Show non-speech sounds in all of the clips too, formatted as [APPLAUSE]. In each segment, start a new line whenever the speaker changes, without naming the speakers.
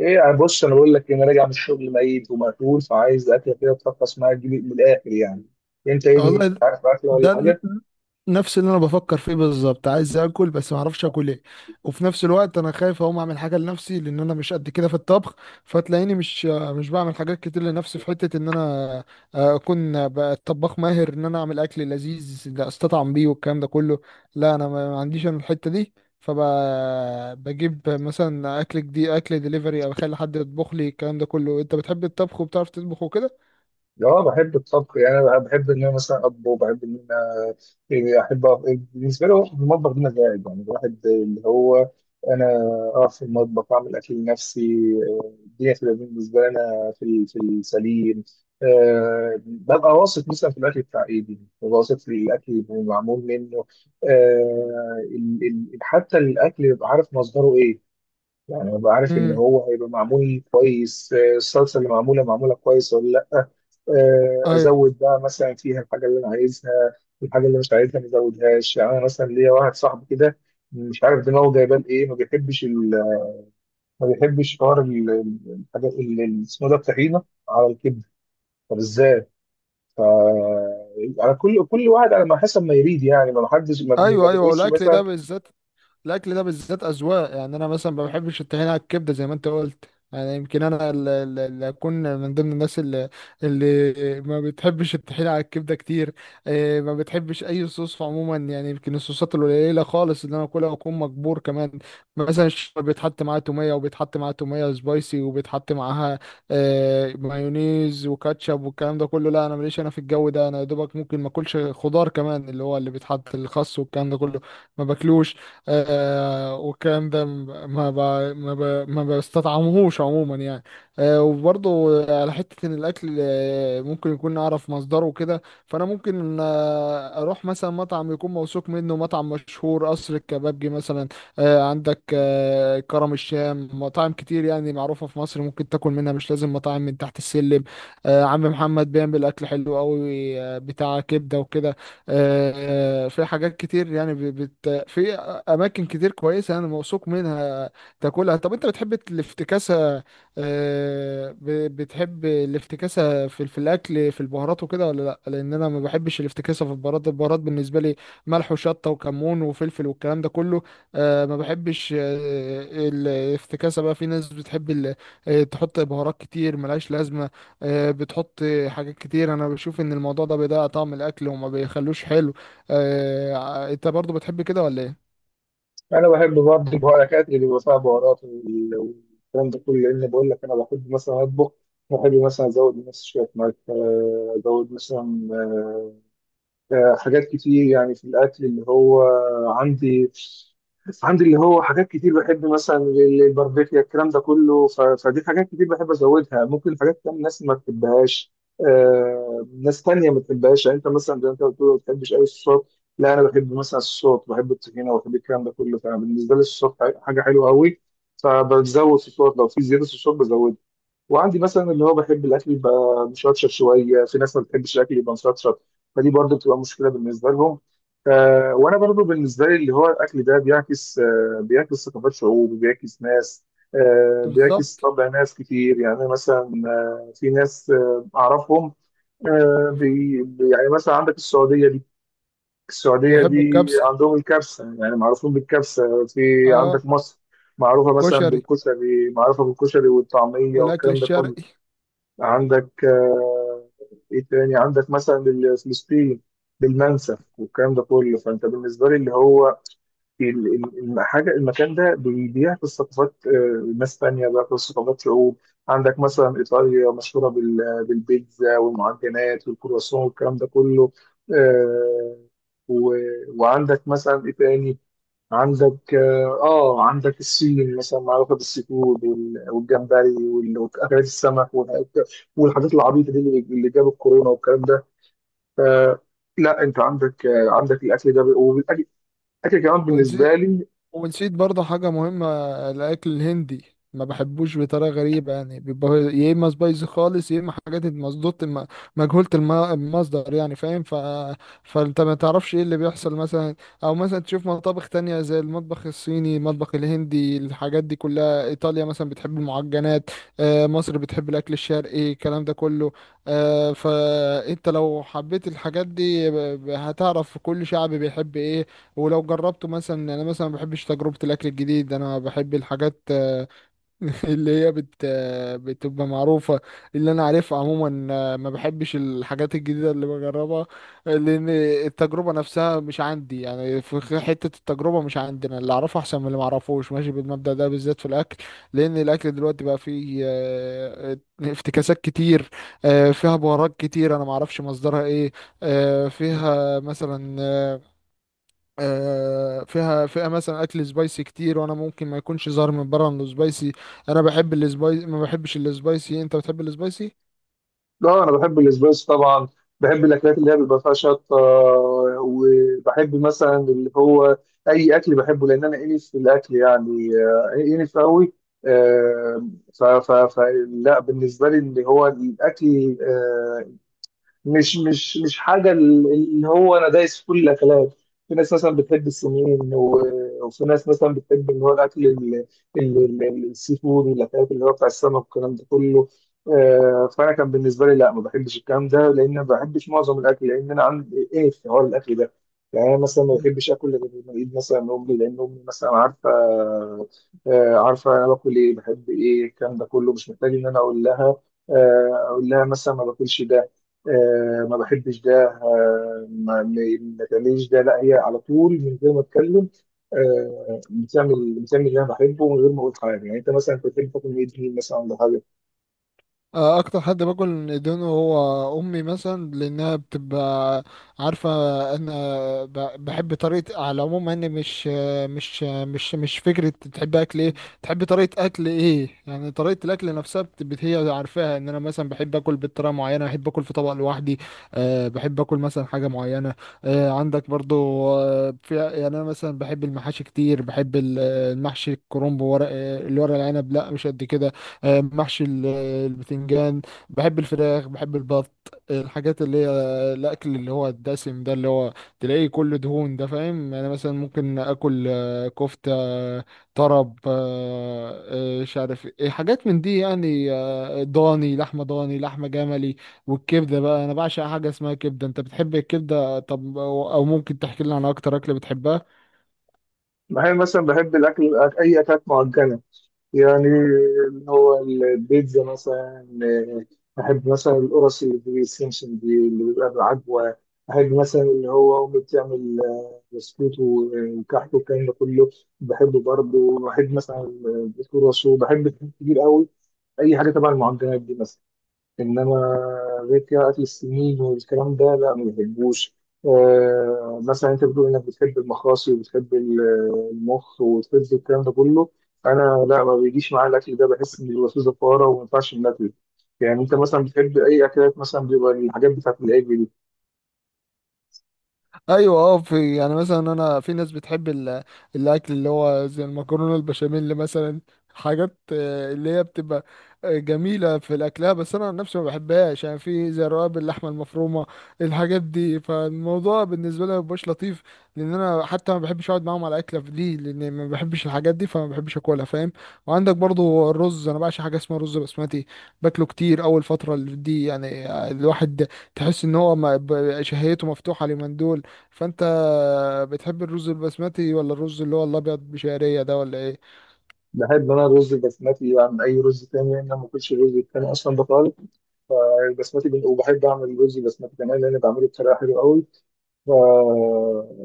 ايه يعني بص، انا بقول لك إيه، انا راجع من الشغل ميت ومقتول، فعايز اكله كده تفقس معايا، تجيب من الاخر يعني. انت ايه دي،
والله، ده
عارف اكله ولا
ده
حاجه؟
نفس اللي انا بفكر فيه بالظبط. عايز اكل بس ما اعرفش اكل ايه، وفي نفس الوقت انا خايف اقوم اعمل حاجه لنفسي لان انا مش قد كده في الطبخ. فتلاقيني مش بعمل حاجات كتير لنفسي في حته ان انا اكون بقى طباخ ماهر، ان انا اعمل اكل لذيذ لا استطعم بيه والكلام ده كله. لا انا ما عنديش انا الحته دي. فبجيب مثلا اكل جديد، اكل ديليفري، او اخلي حد يطبخ لي، الكلام ده كله. انت بتحب الطبخ وبتعرف تطبخ وكده؟
اه بحب الطبخ، يعني انا بحب ان انا مثلا اطبخ، وبحب ان انا، يعني احب بالنسبه لي هو المطبخ ده مزاج. يعني الواحد اللي هو، انا اقف في المطبخ اعمل اكل لنفسي. الدنيا تبقى بالنسبه لي انا في في السليم. أه ببقى واثق مثلا في الاكل بتاع ايدي، ببقى واثق في الاكل اللي معمول منه. أه ال- حتى الاكل ببقى عارف مصدره ايه. يعني ابقى عارف ان
امم.
هو هيبقى معمول كويس، الصلصه اللي معموله كويس ولا لا.
ايوه،
ازود بقى مثلا فيها الحاجه اللي انا عايزها، الحاجه اللي مش عايزها ما ازودهاش. يعني انا مثلا ليا واحد صاحبي كده مش عارف دماغه جايبان ايه، ما بيحبش ما بيحبش حوار الحاجات اللي اسمه ده، الطحينه على الكبده. طب ازاي؟ ف على كل واحد على ما حسب ما يريد يعني، ما حدش ما
ايوه، ايوه،
بنقولش
والاكل ده
مثلا.
بالذات، الاكل ده بالذات اذواق. يعني انا مثلا ما بحبش الطحينه على الكبده زي ما انت قلت. يعني يمكن انا اللي اكون من ضمن الناس اللي ما بتحبش الطحينه على الكبده كتير. إيه، ما بتحبش اي صوص عموما، يعني يمكن الصوصات القليله خالص اللي انا اكلها واكون مجبور كمان. مثلا الشطه بيتحط معاها توميه، وبيتحط معاها توميه سبايسي، وبيتحط معاها مايونيز وكاتشب والكلام ده كله. لا انا ماليش انا في الجو ده. انا يا دوبك ممكن ما اكلش خضار كمان، اللي هو اللي بيتحط الخس والكلام ده كله، ما باكلوش. والكلام ده ما بستطعمهوش عموما يعني. وبرضه على حتة إن الأكل ممكن يكون أعرف مصدره وكده، فأنا ممكن أروح مثلا مطعم يكون موثوق منه، مطعم مشهور، قصر الكبابجي مثلا. عندك كرم الشام، مطاعم كتير يعني معروفة في مصر ممكن تاكل منها. مش لازم مطاعم من تحت السلم. عم محمد بيعمل أكل حلو أوي، بتاع كبدة وكده. في حاجات كتير يعني، في اماكن كتير كويسه انا موثوق منها تاكلها. طب انت بتحب الافتكاسه؟ بتحب الافتكاسه في الاكل، في البهارات وكده ولا لا؟ لان انا ما بحبش الافتكاسه في البهارات. البهارات بالنسبه لي ملح وشطه وكمون وفلفل والكلام ده كله. آه، ما بحبش آه، الافتكاسه بقى. في ناس بتحب تحط بهارات كتير ملهاش لازمه. بتحط حاجات كتير. انا بشوف ان الموضوع ده بيضيع طعم الاكل وما بيخلوش حلو. انت برضو بتحب كده ولا ايه؟
انا بحب برضه البهارات اللي بيبقى فيها بهارات والكلام ده كله، لان بقول لك انا بحب مثلا اطبخ، بحب مثلا ازود مثلا شويه ملح، ازود مثلا، حاجات كتير. يعني في الأكل اللي هو عندي عندي اللي هو حاجات كتير، بحب مثلا الباربيكيا الكلام ده كله، فدي حاجات كتير بحب أزودها. ممكن حاجات تانية ناس ما بتحبهاش، ناس تانية ما بتحبهاش. يعني أنت مثلا زي ما أنت بتقول ما بتحبش أي الصوت، لا أنا بحب مثلا الصوت، بحب الطحينة وبحب الكلام ده كله، فبالنسبة لي الصوت حاجة حلوة أوي. فبزود في الصوت، لو في زيادة في الصوت بزودها. وعندي مثلا اللي هو بحب الاكل يبقى مشطشط شويه، في ناس ما بتحبش الاكل يبقى مشطشط، فدي برضو بتبقى مشكله بالنسبه لهم. وانا برضو بالنسبه لي اللي هو الاكل ده بيعكس، بيعكس ثقافات شعوب وبيعكس ناس، بيعكس
بالظبط.
طبع ناس كتير. يعني مثلا في ناس اعرفهم، يعني مثلا عندك السعوديه دي، السعوديه
بيحب
دي
الكبسة.
عندهم الكبسه، يعني معروفين بالكبسه في.
اه،
عندك مصر، معروفه مثلا
كشري،
بالكشري، معروفه بالكشري والطعميه
والاكل
والكلام ده كله.
الشرقي.
عندك آه، ايه تاني، عندك مثلا فلسطين بالمنسف والكلام ده كله. فانت بالنسبه لي اللي هو الحاجه، المكان ده بيعكس ثقافات، ناس تانيه، بيعكس ثقافات شعوب. عندك مثلا ايطاليا مشهوره بالبيتزا والمعجنات والكرواسون والكلام ده كله. آه، و- وعندك مثلا ايه تاني. عندك عندك السين مثلا، معروفه بالسيفود والجمبري واكلات السمك والحاجات العبيطه دي اللي جاب الكورونا والكلام ده. ف- لا انت عندك، عندك الاكل ده، وبالاكل الاكل كمان بالنسبه
ونسيت،
لي.
ونسيت برضه حاجة مهمة، الأكل الهندي. ما بحبوش بطريقة غريبة، يعني بيبقى يا إما سبايسي خالص، يا إما حاجات مصدوط مجهولة المصدر، يعني فاهم. فأنت ما تعرفش إيه اللي بيحصل مثلا. أو مثلا تشوف مطابخ تانية، زي المطبخ الصيني، المطبخ الهندي، الحاجات دي كلها. إيطاليا مثلا بتحب المعجنات، مصر بتحب الأكل الشرقي، الكلام ده كله. فأنت لو حبيت الحاجات دي هتعرف كل شعب بيحب إيه. ولو جربته مثلا. يعني انا مثلا ما بحبش تجربة الاكل الجديد. انا بحب الحاجات [LAUGHS] اللي هي بت آه، بتبقى معروفة، اللي انا عارفها عموما. ما بحبش الحاجات الجديدة اللي بجربها، لان التجربة نفسها مش عندي. يعني في حتة التجربة مش عندي. انا اللي اعرفه احسن من اللي ما اعرفوش، ماشي بالمبدأ ده بالذات في الاكل. لان الاكل دلوقتي بقى فيه افتكاسات كتير، فيها بهارات كتير انا ما اعرفش مصدرها ايه. آه، فيها مثلا آه، فيها مثلا اكل سبايسي كتير، وانا ممكن ما يكونش ظاهر من بره انه سبايسي. انا بحب السبايسي، ما بحبش السبايسي، انت بتحب السبايسي؟
لا انا بحب الاسبريس طبعا، بحب الاكلات اللي هي بيبقى فيها شطه، وبحب مثلا اللي هو اي اكل بحبه، لان انا انف في الاكل يعني، انف قوي. آه، ف ف ف لا بالنسبه لي اللي هو الاكل، مش حاجه اللي هو انا دايس في كل الاكلات. في ناس مثلا بتحب السمين، وفي ناس مثلا بتحب اللي هو الاكل ال- السي فود والاكلات اللي هو بتاع السمك والكلام ده كله. فانا كان بالنسبه لي لا ما بحبش الكلام ده، لان ما بحبش معظم الاكل، لان انا عندي ايه في حوار الاكل ده. يعني انا مثلا ما بحبش اكل غير لما اجيب مثلا من امي، لان امي مثلا عارفه، عارفه انا باكل ايه بحب ايه، الكلام ده كله مش محتاج ان انا اقول لها، اقول لها مثلا ما باكلش ده، ما بحبش ده، ما تعمليش ده. لا هي على طول من غير ما اتكلم، بتعمل اللي انا بحبه من غير ما اقول حاجه. يعني انت مثلا كنت بتحب تاكل ميت مين مثلا ولا حاجه؟
اكتر حد باكل اندومي هو امي مثلا، لانها بتبقى عارفه انا بحب طريقه على العموم، يعني مش فكره تحب اكل ايه، تحب طريقه اكل ايه. يعني طريقه الاكل نفسها هي عارفاها، ان انا مثلا بحب اكل بطريقه معينه، بحب اكل في طبق لوحدي. أه بحب اكل مثلا حاجه معينه. أه عندك برضو، في يعني، انا مثلا بحب المحاشي كتير. بحب المحشي الكرنب. الورق العنب لا، مش قد كده. محشي البتنجان. بحب الفراخ، بحب البط، الحاجات اللي هي الاكل اللي هو الدسم ده، اللي هو تلاقيه كله دهون، ده فاهم. انا مثلا ممكن اكل كفتة، طرب، مش عارف ايه حاجات من دي، يعني ضاني، لحمة ضاني، لحمة جملي. والكبدة بقى، انا بعشق حاجة اسمها كبدة. انت بتحب الكبدة؟ طب أو ممكن تحكي لنا عن اكتر اكلة بتحبها؟
معايا مثلا بحب الاكل، اي اكلات معجنه يعني، اللي هو البيتزا مثلا، بحب مثلا القرص اللي في السمسم دي اللي بيبقى بالعجوه، بحب مثلا اللي هو امي بتعمل وسكوته وكحكه والكلام ده كله، بحبه برضه، بحب مثلا الكرواسو، بحب الحاجات كتير قوي، اي حاجه تبع المعجنات دي مثلا. انما غير كده اكل السمين والكلام ده لا ما بحبوش. مثلا انت بتقول انك بتحب المخاصي وبتحب المخ والفز والكلام ده كله، انا لا ما بيجيش معايا الاكل ده، بحس ان الوسوسه زفاره وما ينفعش ناكله. يعني انت مثلا بتحب اي اكلات، مثلا بيبقى الحاجات بتاعت العجل؟
ايوه، اه. في يعني مثلا، انا في ناس بتحب الاكل اللي هو زي المكرونه البشاميل، اللي مثلا حاجات اللي هي بتبقى جميله في الاكلها. بس انا عن نفسي ما بحبهاش، يعني في زي رقاب اللحمه المفرومه، الحاجات دي. فالموضوع بالنسبه لي ما بيبقاش لطيف، لان انا حتى ما بحبش اقعد معاهم على اكله دي، لان ما بحبش الحاجات دي، فما بحبش اكلها فاهم. وعندك برضو الرز، انا بعشق حاجه اسمها رز بسمتي، باكله كتير اول فتره دي. يعني الواحد تحس ان هو شهيته مفتوحه اليومين دول. فانت بتحب الرز البسمتي، ولا الرز اللي هو الابيض بشعريه ده، ولا ايه؟
بحب انا الرز البسمتي عن اي رز تاني، لان انا ما باكلش الرز التاني اصلا بطال. فالبسمتي وبحب اعمل رز البسمتي كمان لان بعمله بطريقه حلوه قوي. ف...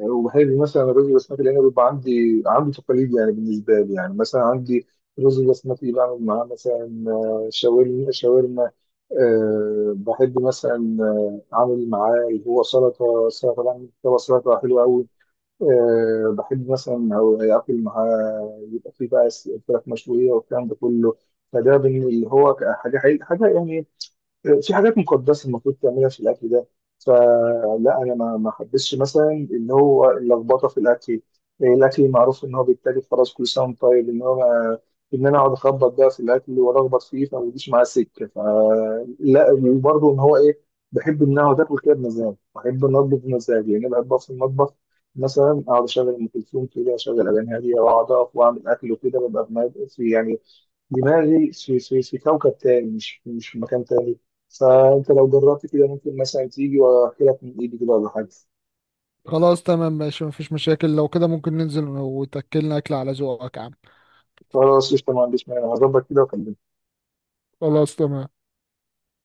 وبحب مثلا الرز البسمتي لان بيبقى عندي تقاليد، يعني بالنسبه لي يعني مثلا عندي الرز البسمتي بعمل معاه مثلا، شاورما شاورما. أه بحب مثلا، اعمل معاه اللي هو سلطه، سلطه بعمل سلطه حلوه قوي. أه بحب مثلا أو آكل معاه يبقى فيه بقى فراخ مشوية والكلام ده كله. فده اللي هو حاجة، حاجة يعني، في حاجات مقدسه المفروض تعملها في الاكل ده. فلا انا ما حبسش مثلا اللي هو اللخبطه في الاكل. إيه، الاكل معروف ان هو بالتالي خلاص كل سنه وأنت طيب، ان هو ان انا اقعد اخبط بقى في الاكل والخبط فيه، فما بيجيش معاه سكه فلا. وبرضه ان هو ايه، بحب ان اقعد اكل كده بمزاج، بحب ان اطبخ بمزاج، يعني أنا بحب أقف في المطبخ مثلا، اقعد اشغل ام كلثوم كده، اشغل اغاني هاديه، واقعد اقف واعمل اكل وكده ببقى في في يعني دماغي في كوكب تاني، مش في مكان تاني. فانت لو جربت كده ممكن مثلا تيجي واحكي لك من ايدي كده ولا حاجه؟
خلاص تمام، ماشي، مفيش مشاكل. لو كده ممكن ننزل وتاكلنا اكل على ذوقك يا عم.
خلاص قشطه، ما عنديش مانع، هظبط كده واكلمك.
خلاص تمام.